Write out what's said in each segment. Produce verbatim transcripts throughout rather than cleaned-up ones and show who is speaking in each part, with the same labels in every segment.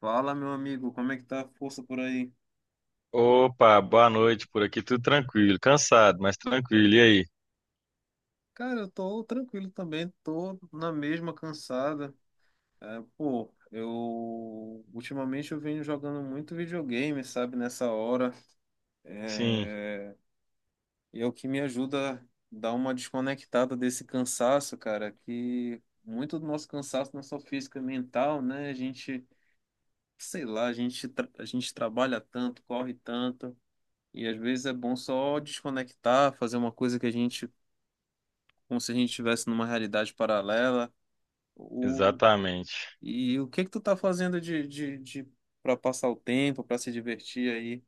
Speaker 1: Fala, meu amigo, como é que tá a força por aí?
Speaker 2: Opa, boa noite. Por aqui tudo tranquilo, cansado, mas tranquilo. E aí?
Speaker 1: Cara, eu tô tranquilo também, tô na mesma cansada. É, pô, eu ultimamente eu venho jogando muito videogame, sabe, nessa hora.
Speaker 2: Sim,
Speaker 1: É, e é o que me ajuda a dar uma desconectada desse cansaço, cara, que muito do nosso cansaço não é só físico, é mental, né? A gente, sei lá, a gente, tra- a gente trabalha tanto, corre tanto. E às vezes é bom só desconectar, fazer uma coisa que a gente como se a gente estivesse numa realidade paralela. O,
Speaker 2: exatamente.
Speaker 1: e o que que tu tá fazendo de, de, de para passar o tempo, para se divertir aí?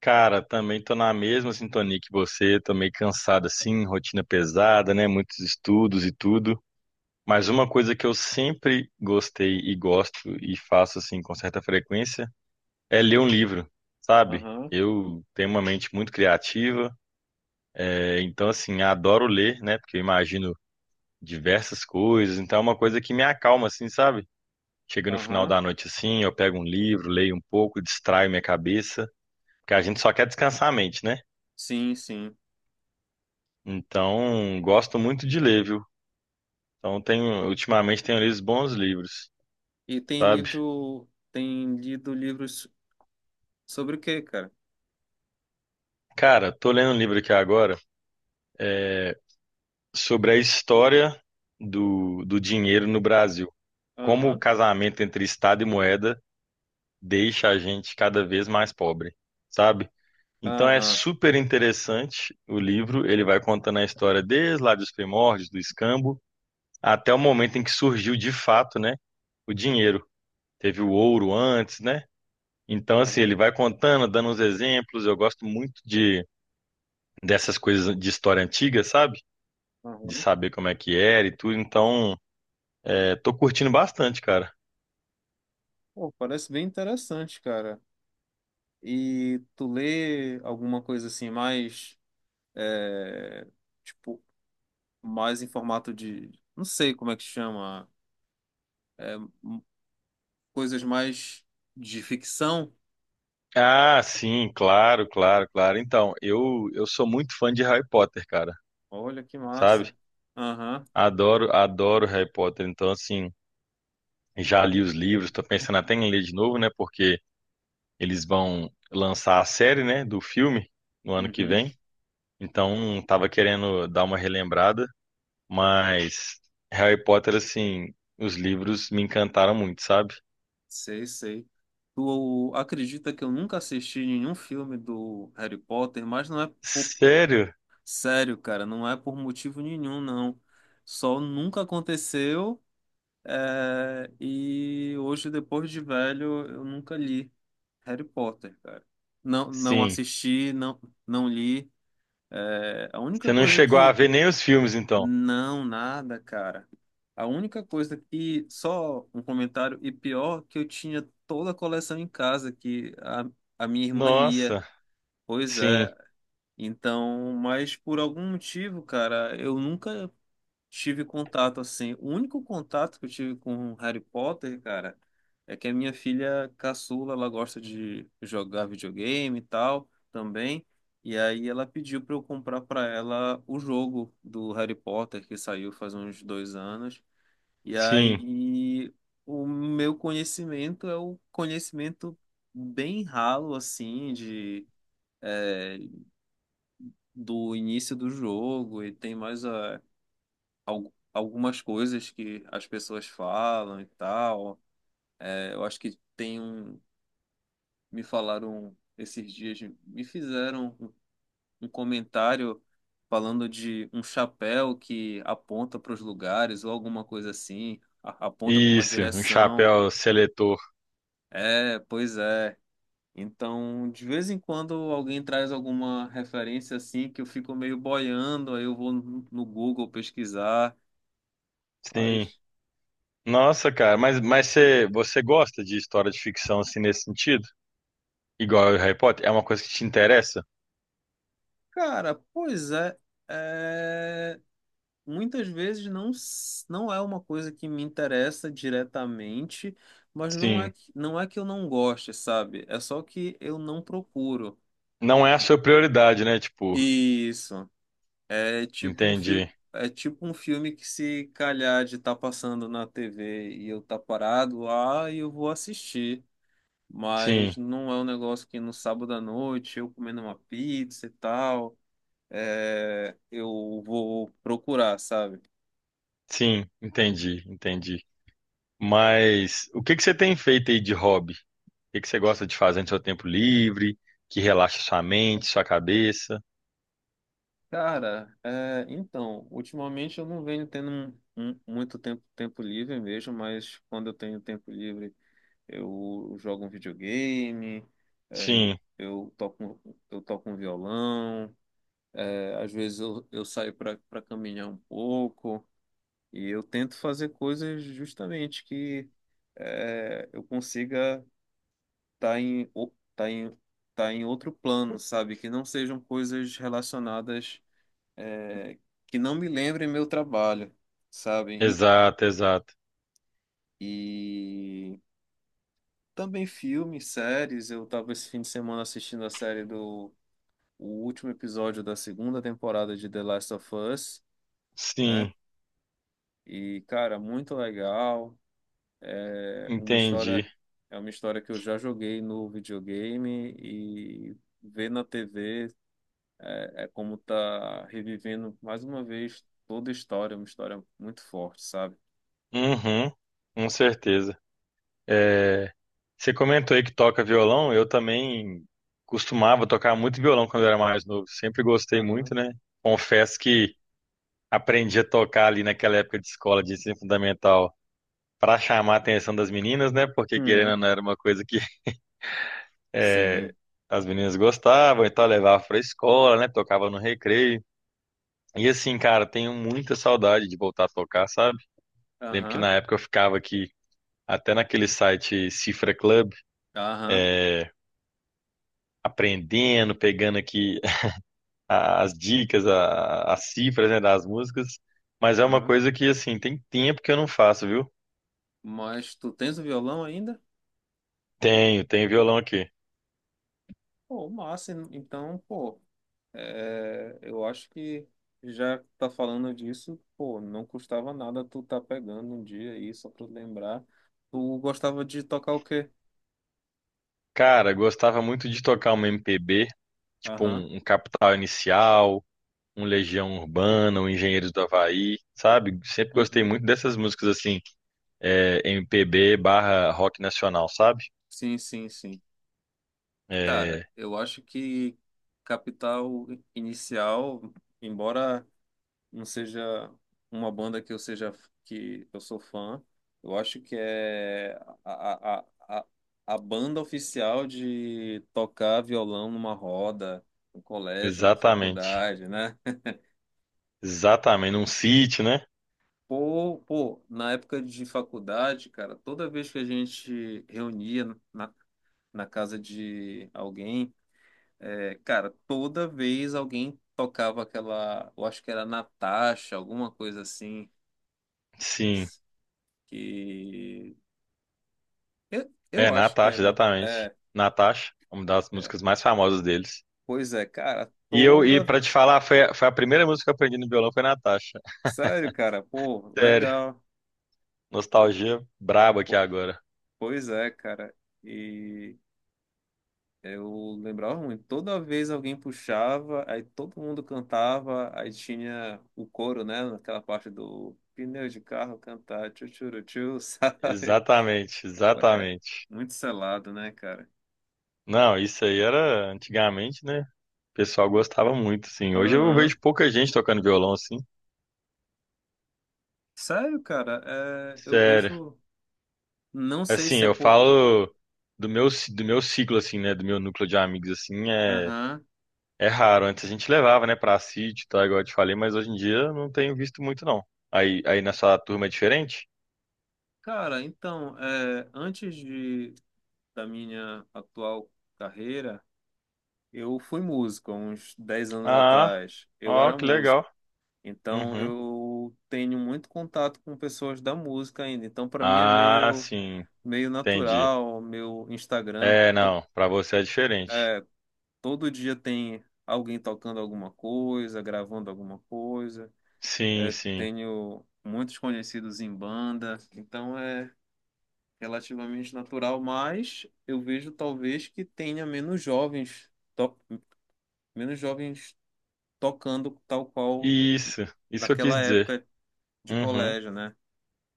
Speaker 2: Cara, também tô na mesma sintonia que você, tô meio cansado assim, rotina pesada, né? Muitos estudos e tudo. Mas uma coisa que eu sempre gostei e gosto e faço assim com certa frequência é ler um livro, sabe?
Speaker 1: Aham,
Speaker 2: Eu tenho uma mente muito criativa, é, então assim, adoro ler, né? Porque eu imagino diversas coisas, então é uma coisa que me acalma assim, sabe? Chega no final
Speaker 1: aham.
Speaker 2: da noite assim, eu pego um livro, leio um pouco, distraio minha cabeça, porque a gente só quer descansar a mente, né?
Speaker 1: Sim, sim.
Speaker 2: Então, gosto muito de ler, viu? Então, tenho, ultimamente tenho lido bons livros,
Speaker 1: E tem
Speaker 2: sabe?
Speaker 1: livro, tem lido livros sobre o quê, cara?
Speaker 2: Cara, tô lendo um livro aqui agora sobre a história do, do dinheiro no Brasil. Como o
Speaker 1: Aham,
Speaker 2: casamento entre Estado e moeda deixa a gente cada vez mais pobre, sabe? Então é
Speaker 1: aham,
Speaker 2: super interessante o livro, ele vai contando a história desde lá dos primórdios, do escambo, até o momento em que surgiu de fato, né, o dinheiro. Teve o ouro antes, né? Então, assim, ele
Speaker 1: aham,
Speaker 2: vai contando, dando uns exemplos. Eu gosto muito de dessas coisas de história antiga, sabe? De
Speaker 1: aham.
Speaker 2: saber como é que era e tudo. Então, é, tô curtindo bastante, cara.
Speaker 1: Pô, parece bem interessante, cara. E tu lê alguma coisa assim mais, é, tipo, mais em formato de, não sei como é que chama, coisas mais de ficção.
Speaker 2: Ah, sim, claro, claro, claro. Então, eu eu sou muito fã de Harry Potter, cara,
Speaker 1: Olha que
Speaker 2: sabe?
Speaker 1: massa. Aham,
Speaker 2: Adoro, adoro Harry Potter. Então, assim, já li os livros, tô pensando até em ler de novo, né? Porque eles vão lançar a série, né, do filme no ano que
Speaker 1: uhum.
Speaker 2: vem. Então, tava querendo dar uma relembrada, mas Harry Potter, assim, os livros me encantaram muito, sabe?
Speaker 1: Sei, sei. Tu acredita que eu nunca assisti nenhum filme do Harry Potter, mas não é por...
Speaker 2: Sério?
Speaker 1: Sério, cara, não é por motivo nenhum, não. Só nunca aconteceu, é, e hoje, depois de velho, eu nunca li Harry Potter, cara. Não, não
Speaker 2: Sim.
Speaker 1: assisti, não, não li. É, a única
Speaker 2: Você não
Speaker 1: coisa
Speaker 2: chegou a
Speaker 1: que...
Speaker 2: ver nem os filmes, então?
Speaker 1: Não, nada, cara. A única coisa que, só um comentário, e pior, que eu tinha toda a coleção em casa que a, a minha irmã lia.
Speaker 2: Nossa.
Speaker 1: Pois
Speaker 2: Sim,
Speaker 1: é. Então, mas por algum motivo, cara, eu nunca tive contato assim. O único contato que eu tive com Harry Potter, cara, é que a minha filha caçula, ela gosta de jogar videogame e tal também. E aí ela pediu para eu comprar para ela o jogo do Harry Potter que saiu faz uns dois anos. E
Speaker 2: sim.
Speaker 1: aí o meu conhecimento é o conhecimento bem ralo assim de do início do jogo e tem mais a al- algumas coisas que as pessoas falam e tal. É, eu acho que tem um. Me falaram esses dias, me fizeram um um comentário falando de um chapéu que aponta para os lugares ou alguma coisa assim, a- aponta para uma
Speaker 2: Isso, um
Speaker 1: direção.
Speaker 2: chapéu seletor.
Speaker 1: É, pois é. Então, de vez em quando alguém traz alguma referência assim que eu fico meio boiando, aí eu vou no no Google pesquisar.
Speaker 2: Sim.
Speaker 1: Mas...
Speaker 2: Nossa, cara, mas, mas você, você gosta de história de ficção, assim, nesse sentido? Igual o Harry Potter? É uma coisa que te interessa?
Speaker 1: Cara, pois é, é, muitas vezes não, s- não é uma coisa que me interessa diretamente, mas não é
Speaker 2: Sim.
Speaker 1: que, não é que eu não goste, sabe? É só que eu não procuro.
Speaker 2: Não é a sua prioridade, né? Tipo,
Speaker 1: Isso. É tipo um
Speaker 2: entendi.
Speaker 1: fio, é tipo um filme que se calhar de estar passando na T V e eu tá parado lá e eu vou assistir. Mas
Speaker 2: Sim,
Speaker 1: não é um negócio que no sábado à noite eu comendo uma pizza e tal. É, eu vou procurar, sabe?
Speaker 2: sim, entendi, entendi. Mas o que que você tem feito aí de hobby? O que que você gosta de fazer no seu tempo livre, que relaxa sua mente, sua cabeça?
Speaker 1: Cara, é, então, ultimamente eu não venho tendo um- um- muito tempo, tempo livre mesmo, mas quando eu tenho tempo livre, eu jogo um videogame, é, eu,
Speaker 2: Sim,
Speaker 1: eu toco, eu toco um violão, é, às vezes eu, eu saio para para caminhar um pouco, e eu tento fazer coisas justamente que é, eu consiga. tá em, o- tá em, tá em outro plano, sabe? Que não sejam coisas relacionadas, é, que não me lembrem meu trabalho, sabe?
Speaker 2: exato, exato.
Speaker 1: E, e também filmes, séries. Eu tava esse fim de semana assistindo a série do o último episódio da segunda temporada de The Last of Us, né?
Speaker 2: Sim,
Speaker 1: E, cara, muito legal. É uma
Speaker 2: entendi.
Speaker 1: história, é uma história que eu já joguei no videogame e ver na T V. É como tá revivendo mais uma vez toda a história, uma história muito forte, sabe?
Speaker 2: Uhum, com certeza. É, você comentou aí que toca violão, eu também costumava tocar muito violão quando eu era mais novo, sempre gostei muito,
Speaker 1: Aham.
Speaker 2: né? Confesso que aprendi a tocar ali naquela época de escola de ensino fundamental para chamar a atenção das meninas, né? Porque querendo ou
Speaker 1: Uhum.
Speaker 2: não era uma coisa que
Speaker 1: Sim.
Speaker 2: as meninas gostavam, então eu levava para escola, né? Tocava no recreio. E assim, cara, tenho muita saudade de voltar a tocar, sabe? Lembro que
Speaker 1: Aham.
Speaker 2: na época eu ficava aqui até naquele site Cifra Club,
Speaker 1: Aham.
Speaker 2: aprendendo, pegando aqui a- as dicas, a- as cifras, né, das músicas. Mas é uma
Speaker 1: Aham.
Speaker 2: coisa que, assim, tem tempo que eu não faço, viu?
Speaker 1: Mas tu tens o violão ainda?
Speaker 2: Tenho, tenho violão aqui.
Speaker 1: Pô, massa. Então, pô, é, eu acho que já que tá falando disso, pô, não custava nada tu tá pegando um dia aí, só pra lembrar. Tu gostava de tocar o quê?
Speaker 2: Cara, gostava muito de tocar uma M P B, tipo
Speaker 1: Aham.
Speaker 2: um, um Capital Inicial, um Legião Urbana, um Engenheiros do Havaí, sabe? Sempre gostei
Speaker 1: Uhum.
Speaker 2: muito dessas músicas assim, é, M P B barra rock nacional, sabe?
Speaker 1: Sim, sim, sim. Cara,
Speaker 2: É,
Speaker 1: eu acho que Capital Inicial, embora não seja uma banda que eu seja que eu sou fã, eu acho que é a, a, a, a banda oficial de tocar violão numa roda, no colégio, na
Speaker 2: exatamente,
Speaker 1: faculdade, né?
Speaker 2: exatamente, num City, né?
Speaker 1: Pô, pô, na época de faculdade, cara, toda vez que a gente reunia na, na casa de alguém. É, cara, toda vez alguém tocava aquela, eu acho que era Natasha, alguma coisa assim,
Speaker 2: Sim,
Speaker 1: que eu,
Speaker 2: é
Speaker 1: eu acho que é,
Speaker 2: Natasha,
Speaker 1: na-
Speaker 2: exatamente.
Speaker 1: é,
Speaker 2: Natasha, uma das
Speaker 1: é.
Speaker 2: músicas mais famosas deles.
Speaker 1: Pois é, cara,
Speaker 2: E eu, e
Speaker 1: toda,
Speaker 2: para te falar, foi, a- foi a primeira música que eu aprendi no violão, foi Natasha.
Speaker 1: sério, cara, pô,
Speaker 2: Sério,
Speaker 1: legal.
Speaker 2: nostalgia braba aqui
Speaker 1: Pô.
Speaker 2: agora.
Speaker 1: Pois é, cara. E eu lembrava muito, toda vez alguém puxava, aí todo mundo cantava, aí tinha o coro, né, naquela parte do pneu de carro cantar, tchu tchu tchu, sabe?
Speaker 2: Exatamente,
Speaker 1: Ué,
Speaker 2: exatamente.
Speaker 1: é muito selado, né, cara?
Speaker 2: Não, isso aí era antigamente, né? O pessoal gostava muito, assim. Hoje eu
Speaker 1: Aham.
Speaker 2: vejo pouca gente tocando violão, assim.
Speaker 1: Sério, cara, é, eu
Speaker 2: Sério.
Speaker 1: vejo. Não sei
Speaker 2: Assim,
Speaker 1: se é
Speaker 2: eu
Speaker 1: por.
Speaker 2: falo do meu, ci- do meu ciclo, assim, né? Do meu núcleo de amigos, assim, é,
Speaker 1: Aham.
Speaker 2: é raro. Antes a gente levava, né, pra sítio, tá? Igual eu te falei, mas hoje em dia eu não tenho visto muito, não. Aí, aí na sua turma é diferente?
Speaker 1: Cara, então, é, antes de, da minha atual carreira, eu fui músico, há uns dez anos
Speaker 2: Ah,
Speaker 1: atrás. Eu
Speaker 2: ó,
Speaker 1: era
Speaker 2: que
Speaker 1: músico.
Speaker 2: legal.
Speaker 1: Então,
Speaker 2: Uhum.
Speaker 1: eu tenho muito contato com pessoas da música ainda. Então, para mim é
Speaker 2: Ah,
Speaker 1: meio,
Speaker 2: sim,
Speaker 1: meio
Speaker 2: entendi.
Speaker 1: natural, meu Instagram.
Speaker 2: É, não, pra você é diferente.
Speaker 1: Todo dia tem alguém tocando alguma coisa, gravando alguma coisa.
Speaker 2: Sim,
Speaker 1: É,
Speaker 2: sim.
Speaker 1: tenho muitos conhecidos em banda, então é relativamente natural, mas eu vejo talvez que tenha menos jovens, to- menos jovens tocando tal qual
Speaker 2: Isso, isso que eu quis
Speaker 1: naquela
Speaker 2: dizer.
Speaker 1: época de
Speaker 2: Uhum.
Speaker 1: colégio, né?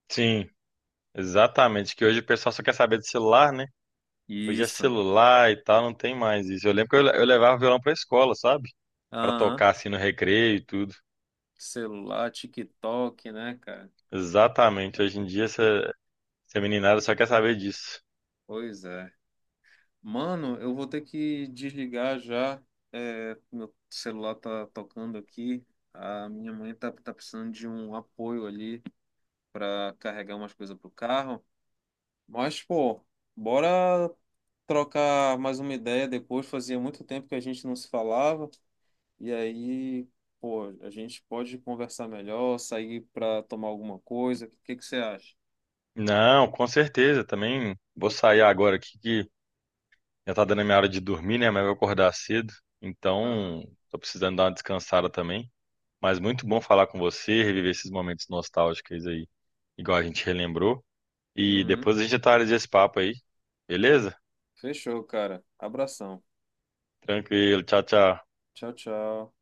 Speaker 2: Sim, exatamente. Que hoje o pessoal só quer saber de celular, né? Hoje é
Speaker 1: Isso.
Speaker 2: celular e tal, não tem mais isso. Eu lembro que eu, le- eu levava o violão pra escola, sabe? Pra
Speaker 1: Aham.
Speaker 2: tocar assim no recreio e tudo.
Speaker 1: Celular, TikTok, né, cara?
Speaker 2: Exatamente. Hoje em dia essa, essa meninada só quer saber disso.
Speaker 1: Pois é. Mano, eu vou ter que desligar já. É, meu celular tá tocando aqui. A minha mãe tá, tá precisando de um apoio ali para carregar umas coisas pro carro. Mas, pô, bora trocar mais uma ideia depois. Fazia muito tempo que a gente não se falava. E aí, pô, a gente pode conversar melhor, sair pra tomar alguma coisa. O que que você acha?
Speaker 2: Não, com certeza. Também vou sair agora aqui que já tá dando a minha hora de dormir, né? Mas eu vou acordar cedo.
Speaker 1: Aham.
Speaker 2: Então, tô precisando dar uma descansada também. Mas muito bom falar com você, reviver esses momentos nostálgicos aí, igual a gente relembrou. E
Speaker 1: Uhum.
Speaker 2: depois a gente atualiza esse papo aí, beleza?
Speaker 1: Fechou, cara. Abração.
Speaker 2: Tranquilo, tchau, tchau.
Speaker 1: Tchau, tchau.